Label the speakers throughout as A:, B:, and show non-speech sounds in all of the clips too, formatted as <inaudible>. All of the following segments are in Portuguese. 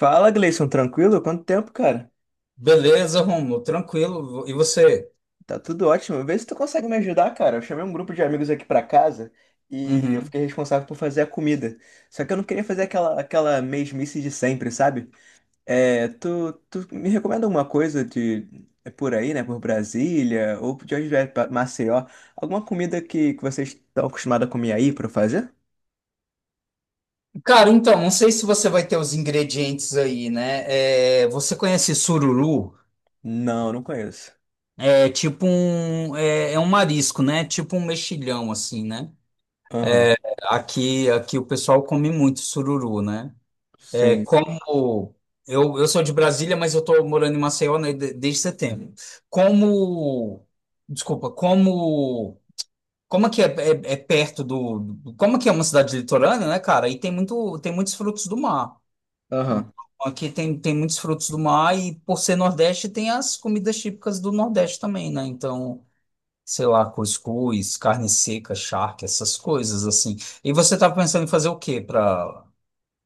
A: Fala, Gleison, tranquilo? Quanto tempo, cara?
B: Beleza, Romulo, tranquilo. E você?
A: Tá tudo ótimo. Vê se tu consegue me ajudar, cara. Eu chamei um grupo de amigos aqui pra casa e eu
B: Uhum.
A: fiquei responsável por fazer a comida. Só que eu não queria fazer aquela mesmice de sempre, sabe? É, tu me recomenda alguma coisa de é por aí, né? Por Brasília ou de onde vier, pra Maceió? Alguma comida que vocês estão acostumados a comer aí pra eu fazer?
B: Cara, então, não sei se você vai ter os ingredientes aí, né? É, você conhece sururu?
A: Não, não conheço.
B: É tipo um marisco, né? Tipo um mexilhão, assim, né?
A: Aham.
B: Aqui o pessoal come muito sururu, né? É
A: Sim.
B: como eu sou de Brasília, mas eu tô morando em Maceió, né, desde setembro. Como, Desculpa. Como Como que é, é- é Como que é uma cidade litorânea, né, cara? E tem muitos frutos do mar. Então,
A: Aham.
B: aqui tem muitos frutos do mar e por ser Nordeste tem as comidas típicas do Nordeste também, né? Então, sei lá, cuscuz, carne seca, charque, essas coisas assim. E você tá pensando em fazer o quê para.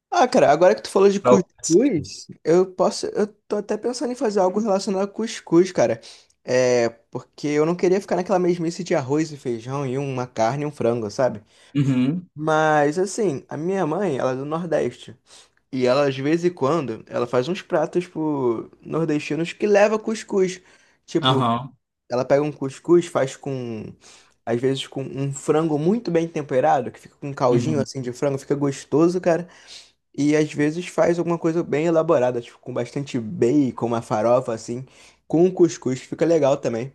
A: Ah, cara, agora que tu falou de cuscuz, eu posso, eu tô até pensando em fazer algo relacionado a cuscuz, cara. É, porque eu não queria ficar naquela mesmice de arroz e feijão e uma carne e um frango, sabe?
B: Uhum.
A: Mas assim, a minha mãe, ela é do Nordeste, e ela de vez em quando, ela faz uns pratos pro nordestinos que leva cuscuz. Tipo,
B: Aham.
A: ela pega um cuscuz, faz com às vezes com um frango muito bem temperado, que fica com um caldinho
B: Uhum.
A: assim de frango, fica gostoso, cara. E às vezes faz alguma coisa bem elaborada, tipo, com bastante bacon, uma farofa assim, com cuscuz, fica legal também.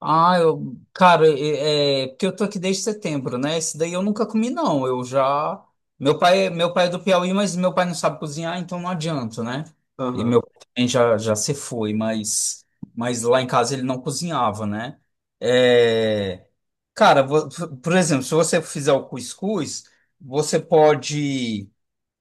B: Ah, eu, cara, porque eu tô aqui desde setembro, né? Esse daí eu nunca comi, não. Eu já. Meu pai é do Piauí, mas meu pai não sabe cozinhar, então não adianta, né? E
A: Aham.
B: meu pai também já se foi, mas, lá em casa ele não cozinhava, né? É, cara, por exemplo, se você fizer o cuscuz, você pode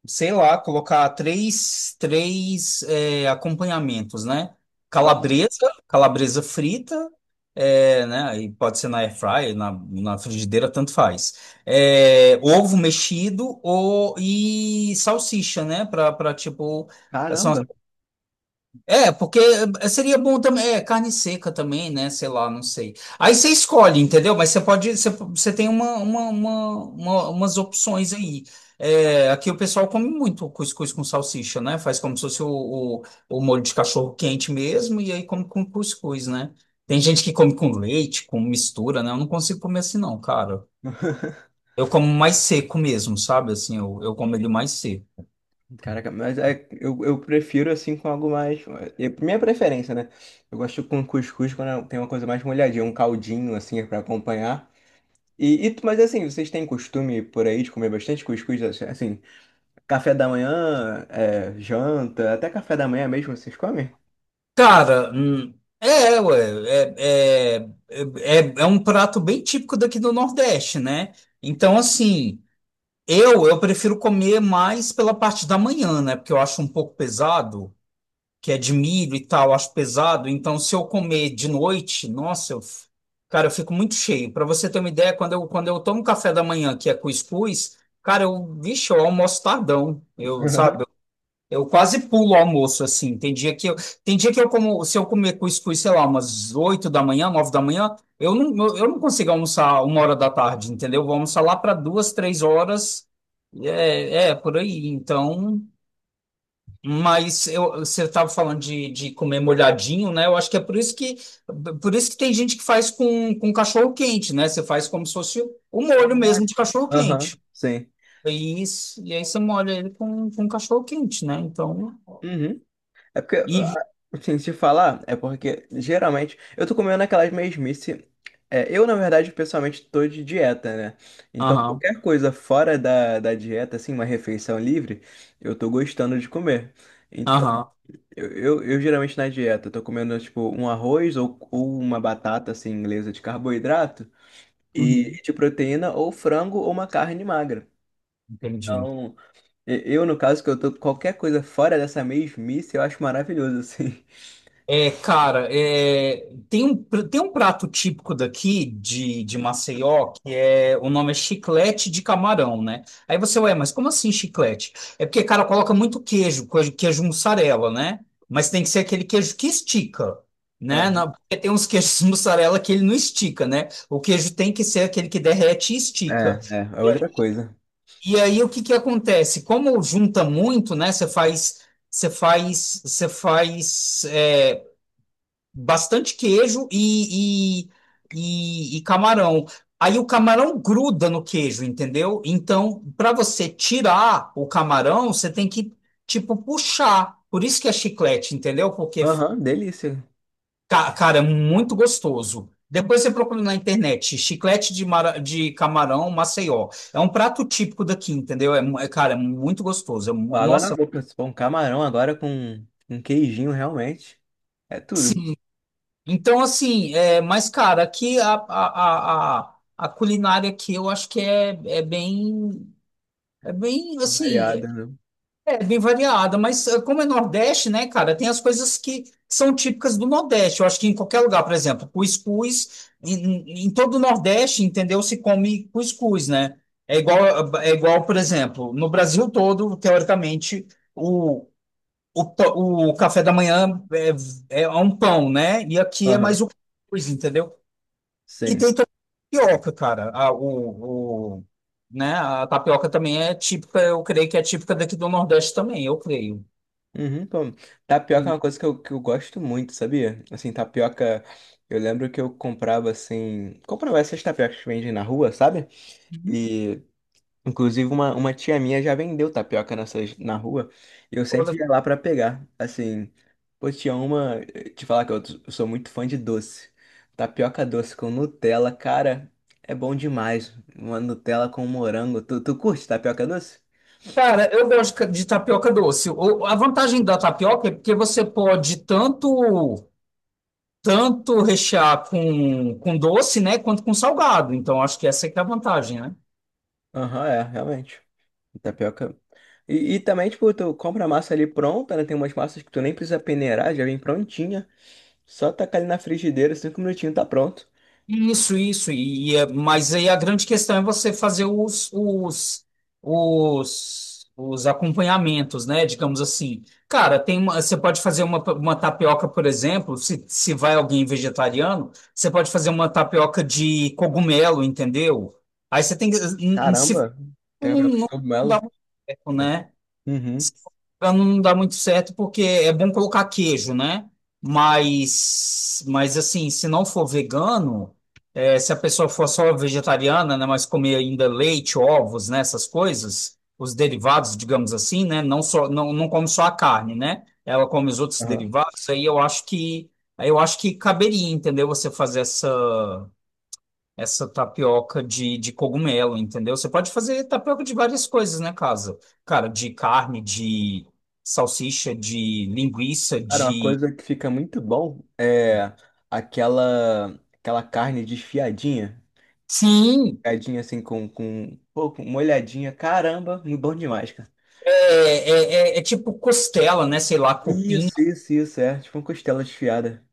B: sei lá, colocar acompanhamentos, né?
A: Ah,
B: Calabresa, calabresa frita, né? Aí pode ser na air fryer, na frigideira, tanto faz. Ovo mexido ou, e salsicha, né? Para tipo, são
A: caramba!
B: porque seria bom também, carne seca também, né? Sei lá, não sei. Aí você escolhe, entendeu? Mas você tem umas opções aí. Aqui o pessoal come muito cuscuz com salsicha, né? Faz como se fosse o, o molho de cachorro quente mesmo, e aí come com cuscuz, né? Tem gente que come com leite, com mistura, né? Eu não consigo comer assim, não, cara. Eu como mais seco mesmo, sabe? Assim, eu como ele mais seco.
A: Caraca, mas eu prefiro assim com algo mais. Minha preferência, né? Eu gosto com cuscuz quando tem uma coisa mais molhadinha, um caldinho assim pra acompanhar. E, mas assim, vocês têm costume por aí de comer bastante cuscuz? Assim, café da manhã, é, janta, até café da manhã mesmo vocês comem?
B: Cara, ué, é um prato bem típico daqui do Nordeste, né? Então, assim, eu prefiro comer mais pela parte da manhã, né? Porque eu acho um pouco pesado, que é de milho e tal, eu acho pesado. Então, se eu comer de noite, nossa, cara, eu fico muito cheio. Para você ter uma ideia, quando eu tomo café da manhã, que é cuscuz, cara, vixe, eu almoço tardão,
A: <laughs> Aham.
B: sabe? Eu quase pulo o almoço, assim. Tem dia que eu como, se eu comer cuscuz, sei lá, umas 8 da manhã, 9 da manhã, eu não consigo almoçar 1 hora da tarde, entendeu? Vou almoçar lá para duas, três horas. Por aí. Então, mas você estava falando de comer molhadinho, né? Eu acho que é por isso que tem gente que faz com cachorro quente, né? Você faz como se fosse o molho mesmo de
A: Caraca.
B: cachorro
A: Aham,
B: quente.
A: sim.
B: E aí você molha ele com cachorro quente, né? Então.
A: Uhum. É porque,
B: E,
A: ah, assim, se falar, é porque geralmente eu tô comendo aquelas mesmice. É, eu, na verdade, pessoalmente tô de dieta, né? Então,
B: Aham,
A: qualquer coisa fora da dieta, assim, uma refeição livre, eu tô gostando de comer. Então,
B: aham,
A: eu geralmente na dieta, eu tô comendo, tipo, um arroz ou uma batata, assim, inglesa de carboidrato
B: uhum,
A: e de proteína, ou frango ou uma carne magra.
B: entendi.
A: Então, eu, no caso, que eu tô qualquer coisa fora dessa mesmice, eu acho maravilhoso, <laughs>
B: É, cara, tem um prato típico daqui de Maceió, que o nome é chiclete de camarão, né? Aí você, ué, mas como assim chiclete? É porque, cara, coloca muito queijo mussarela, né? Mas tem que ser aquele queijo que estica, né?
A: assim.
B: Porque tem uns queijos <laughs> mussarela que ele não estica, né? O queijo tem que ser aquele que derrete e
A: É,
B: estica.
A: é outra coisa.
B: E aí o que que acontece? Como junta muito, né? Você faz, você faz é, Bastante queijo e camarão. Aí o camarão gruda no queijo, entendeu? Então, para você tirar o camarão, você tem que tipo puxar. Por isso que é chiclete, entendeu?
A: Aham, delícia.
B: Cara, é muito gostoso. Depois você procura na internet, chiclete de camarão Maceió. É um prato típico daqui, entendeu? Cara, é muito gostoso.
A: Ó, água na
B: Nossa,
A: boca. Se for um camarão agora com um queijinho, realmente. É tudo.
B: sim. Então, assim, mas, cara, aqui a culinária aqui eu acho que é bem. É bem assim.
A: Variada, né?
B: É bem variada, mas como é Nordeste, né, cara, tem as coisas que são típicas do Nordeste. Eu acho que em qualquer lugar, por exemplo, cuscuz, em todo o Nordeste, entendeu? Se come cuscuz, né? É igual, é igual, por exemplo, no Brasil todo, teoricamente, o, o café da manhã é um pão, né? E aqui é
A: Aham,
B: mais o cuscuz, entendeu? E
A: sim.
B: tem também a tapioca, cara. Né? A tapioca também é típica, eu creio que é típica daqui do Nordeste também, eu creio.
A: Uhum, pô. Tapioca é uma coisa que eu gosto muito, sabia? Assim, tapioca. Eu lembro que eu comprava assim. Comprava essas tapiocas que vendem na rua, sabe? E inclusive, uma tia minha já vendeu tapioca nessas, na rua. E eu sempre
B: Olha,
A: ia lá pra pegar. Assim, pô, tinha uma. Te falar que eu sou muito fã de doce. Tapioca doce com Nutella, cara, é bom demais. Uma Nutella com morango. Tu curte tapioca doce?
B: cara, eu gosto de tapioca doce. A vantagem da tapioca é porque você pode tanto rechear com doce, né, quanto com salgado. Então, acho que essa é que é a vantagem, né?
A: Aham, é, realmente. Tapioca. E também, tipo, tu compra a massa ali pronta, né? Tem umas massas que tu nem precisa peneirar, já vem prontinha. Só tacar ali na frigideira, 5 minutinhos tá pronto.
B: Isso, isso. Mas aí a grande questão é você fazer os acompanhamentos, né? Digamos assim. Cara, você pode fazer uma tapioca, por exemplo, se vai alguém vegetariano, você pode fazer uma tapioca de cogumelo, entendeu? Aí você tem que. Se
A: Caramba, tem
B: não,
A: tapioca de
B: não dá
A: cogumelo.
B: muito certo, né?
A: Uhum.
B: Pra não me engano, não dá muito certo porque é bom colocar queijo, né? Mas assim, se não for vegano, se a pessoa for só vegetariana, né, mas comer ainda leite, ovos, né, essas coisas, os derivados, digamos assim, né, não só não come só a carne, né? Ela come os outros
A: Aham.
B: derivados, aí eu acho que caberia, entendeu? Você fazer essa tapioca de cogumelo, entendeu? Você pode fazer tapioca de várias coisas, né, casa? Cara, de carne, de salsicha, de linguiça,
A: Cara, uma
B: de.
A: coisa que fica muito bom é aquela carne desfiadinha,
B: Sim,
A: desfiadinha assim com, pô, com uma olhadinha. Caramba, muito bom demais, cara.
B: é tipo costela, né? Sei lá, cupim.
A: Isso, é, tipo uma costela desfiada.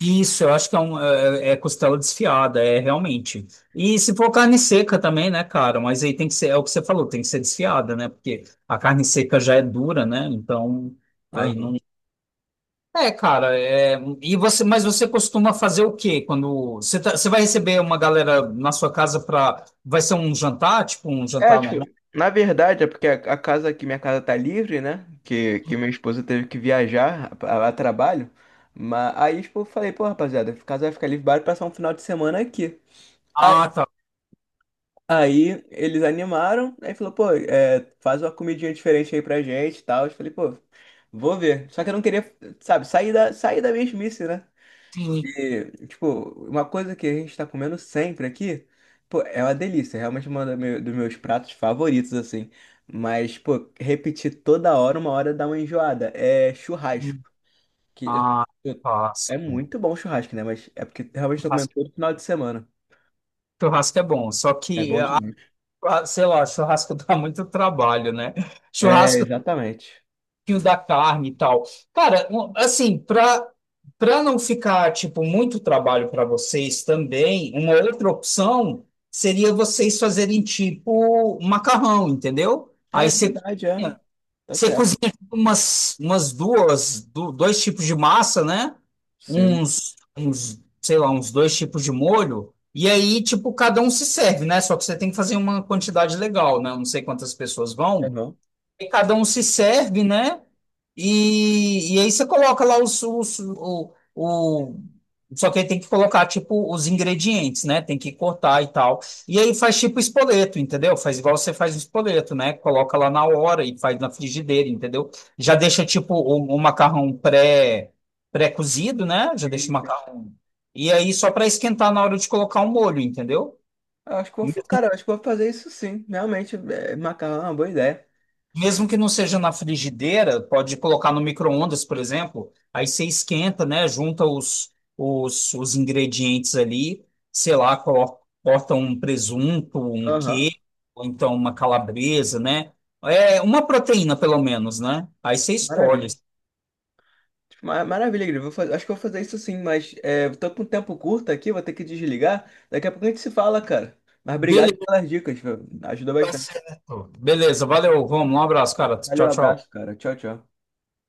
B: Isso, eu acho que é costela desfiada, é realmente. E se for carne seca também, né, cara? Mas aí tem que ser, é o que você falou, tem que ser desfiada, né? Porque a carne seca já é dura, né? Então, aí não.
A: Aham.
B: É, cara, mas você costuma fazer o quê quando você vai receber uma galera na sua casa para, vai ser um jantar, tipo um
A: É,
B: jantar
A: tipo,
B: normal?
A: na verdade é porque a casa aqui minha casa tá livre, né? Que minha esposa teve que viajar a trabalho. Mas aí, tipo, eu falei, pô, rapaziada, a casa vai ficar livre, bora passar um final de semana aqui.
B: Ah, tá.
A: Aí eles animaram, aí falou, pô, é, faz uma comidinha diferente aí pra gente e tal. Eu falei, pô, vou ver. Só que eu não queria, sabe, sair sair da mesmice, né?
B: Sim.
A: E, tipo, uma coisa que a gente tá comendo sempre aqui, pô, é uma delícia. Realmente um dos meus pratos favoritos, assim. Mas, pô, repetir toda hora, uma hora dá uma enjoada. É churrasco. Que eu-
B: Ah,
A: eu- É
B: churrasco.
A: muito bom churrasco, né? Mas é porque realmente tô comendo
B: Churrasco,
A: todo final de semana.
B: churrasco é bom, só
A: É
B: que,
A: bom demais.
B: sei lá, churrasco <laughs> dá muito trabalho, né?
A: É,
B: Churrasco
A: exatamente.
B: fio da carne e tal. Cara, assim, para não ficar tipo muito trabalho para vocês também, uma outra opção seria vocês fazerem tipo macarrão, entendeu?
A: É
B: Aí você
A: verdade, é.
B: cozinha,
A: Tá
B: você
A: certo.
B: cozinha tipo, dois tipos de massa, né?
A: Sim.
B: Uns sei lá, uns dois tipos de molho. E aí, tipo, cada um se serve, né? Só que você tem que fazer uma quantidade legal, né? Não sei quantas pessoas vão.
A: Legal.
B: E cada um se serve, né? E aí você coloca lá Só que aí tem que colocar, tipo, os ingredientes, né? Tem que cortar e tal. E aí faz tipo espoleto, entendeu? Faz igual você faz o espoleto, né? Coloca lá na hora e faz na frigideira, entendeu? Já deixa, tipo, o macarrão pré-cozido, né? Já deixa
A: Sim,
B: o
A: sim.
B: macarrão. E aí só para esquentar na hora de colocar o molho, entendeu?
A: Eu acho que cara, eu acho que vou fazer isso sim. Realmente, é, macarrão é uma boa ideia.
B: Mesmo que não seja na frigideira, pode colocar no micro-ondas, por exemplo. Aí você esquenta, né? Junta os ingredientes ali, sei lá, corta um presunto, um
A: Aham.
B: queijo, ou então uma calabresa, né? É uma proteína, pelo menos, né? Aí você
A: Maravilha.
B: escolhe.
A: Tipo, maravilha, Igor. Acho que vou fazer isso sim, mas é, tô com um tempo curto aqui, vou ter que desligar. Daqui a pouco a gente se fala, cara. Mas obrigado
B: Beleza,
A: pelas dicas, viu? Ajudou
B: tá
A: bastante.
B: certo. Beleza, valeu, vamos Um abraço, cara.
A: Valeu,
B: Tchau,
A: abraço,
B: tchau.
A: cara. Tchau, tchau.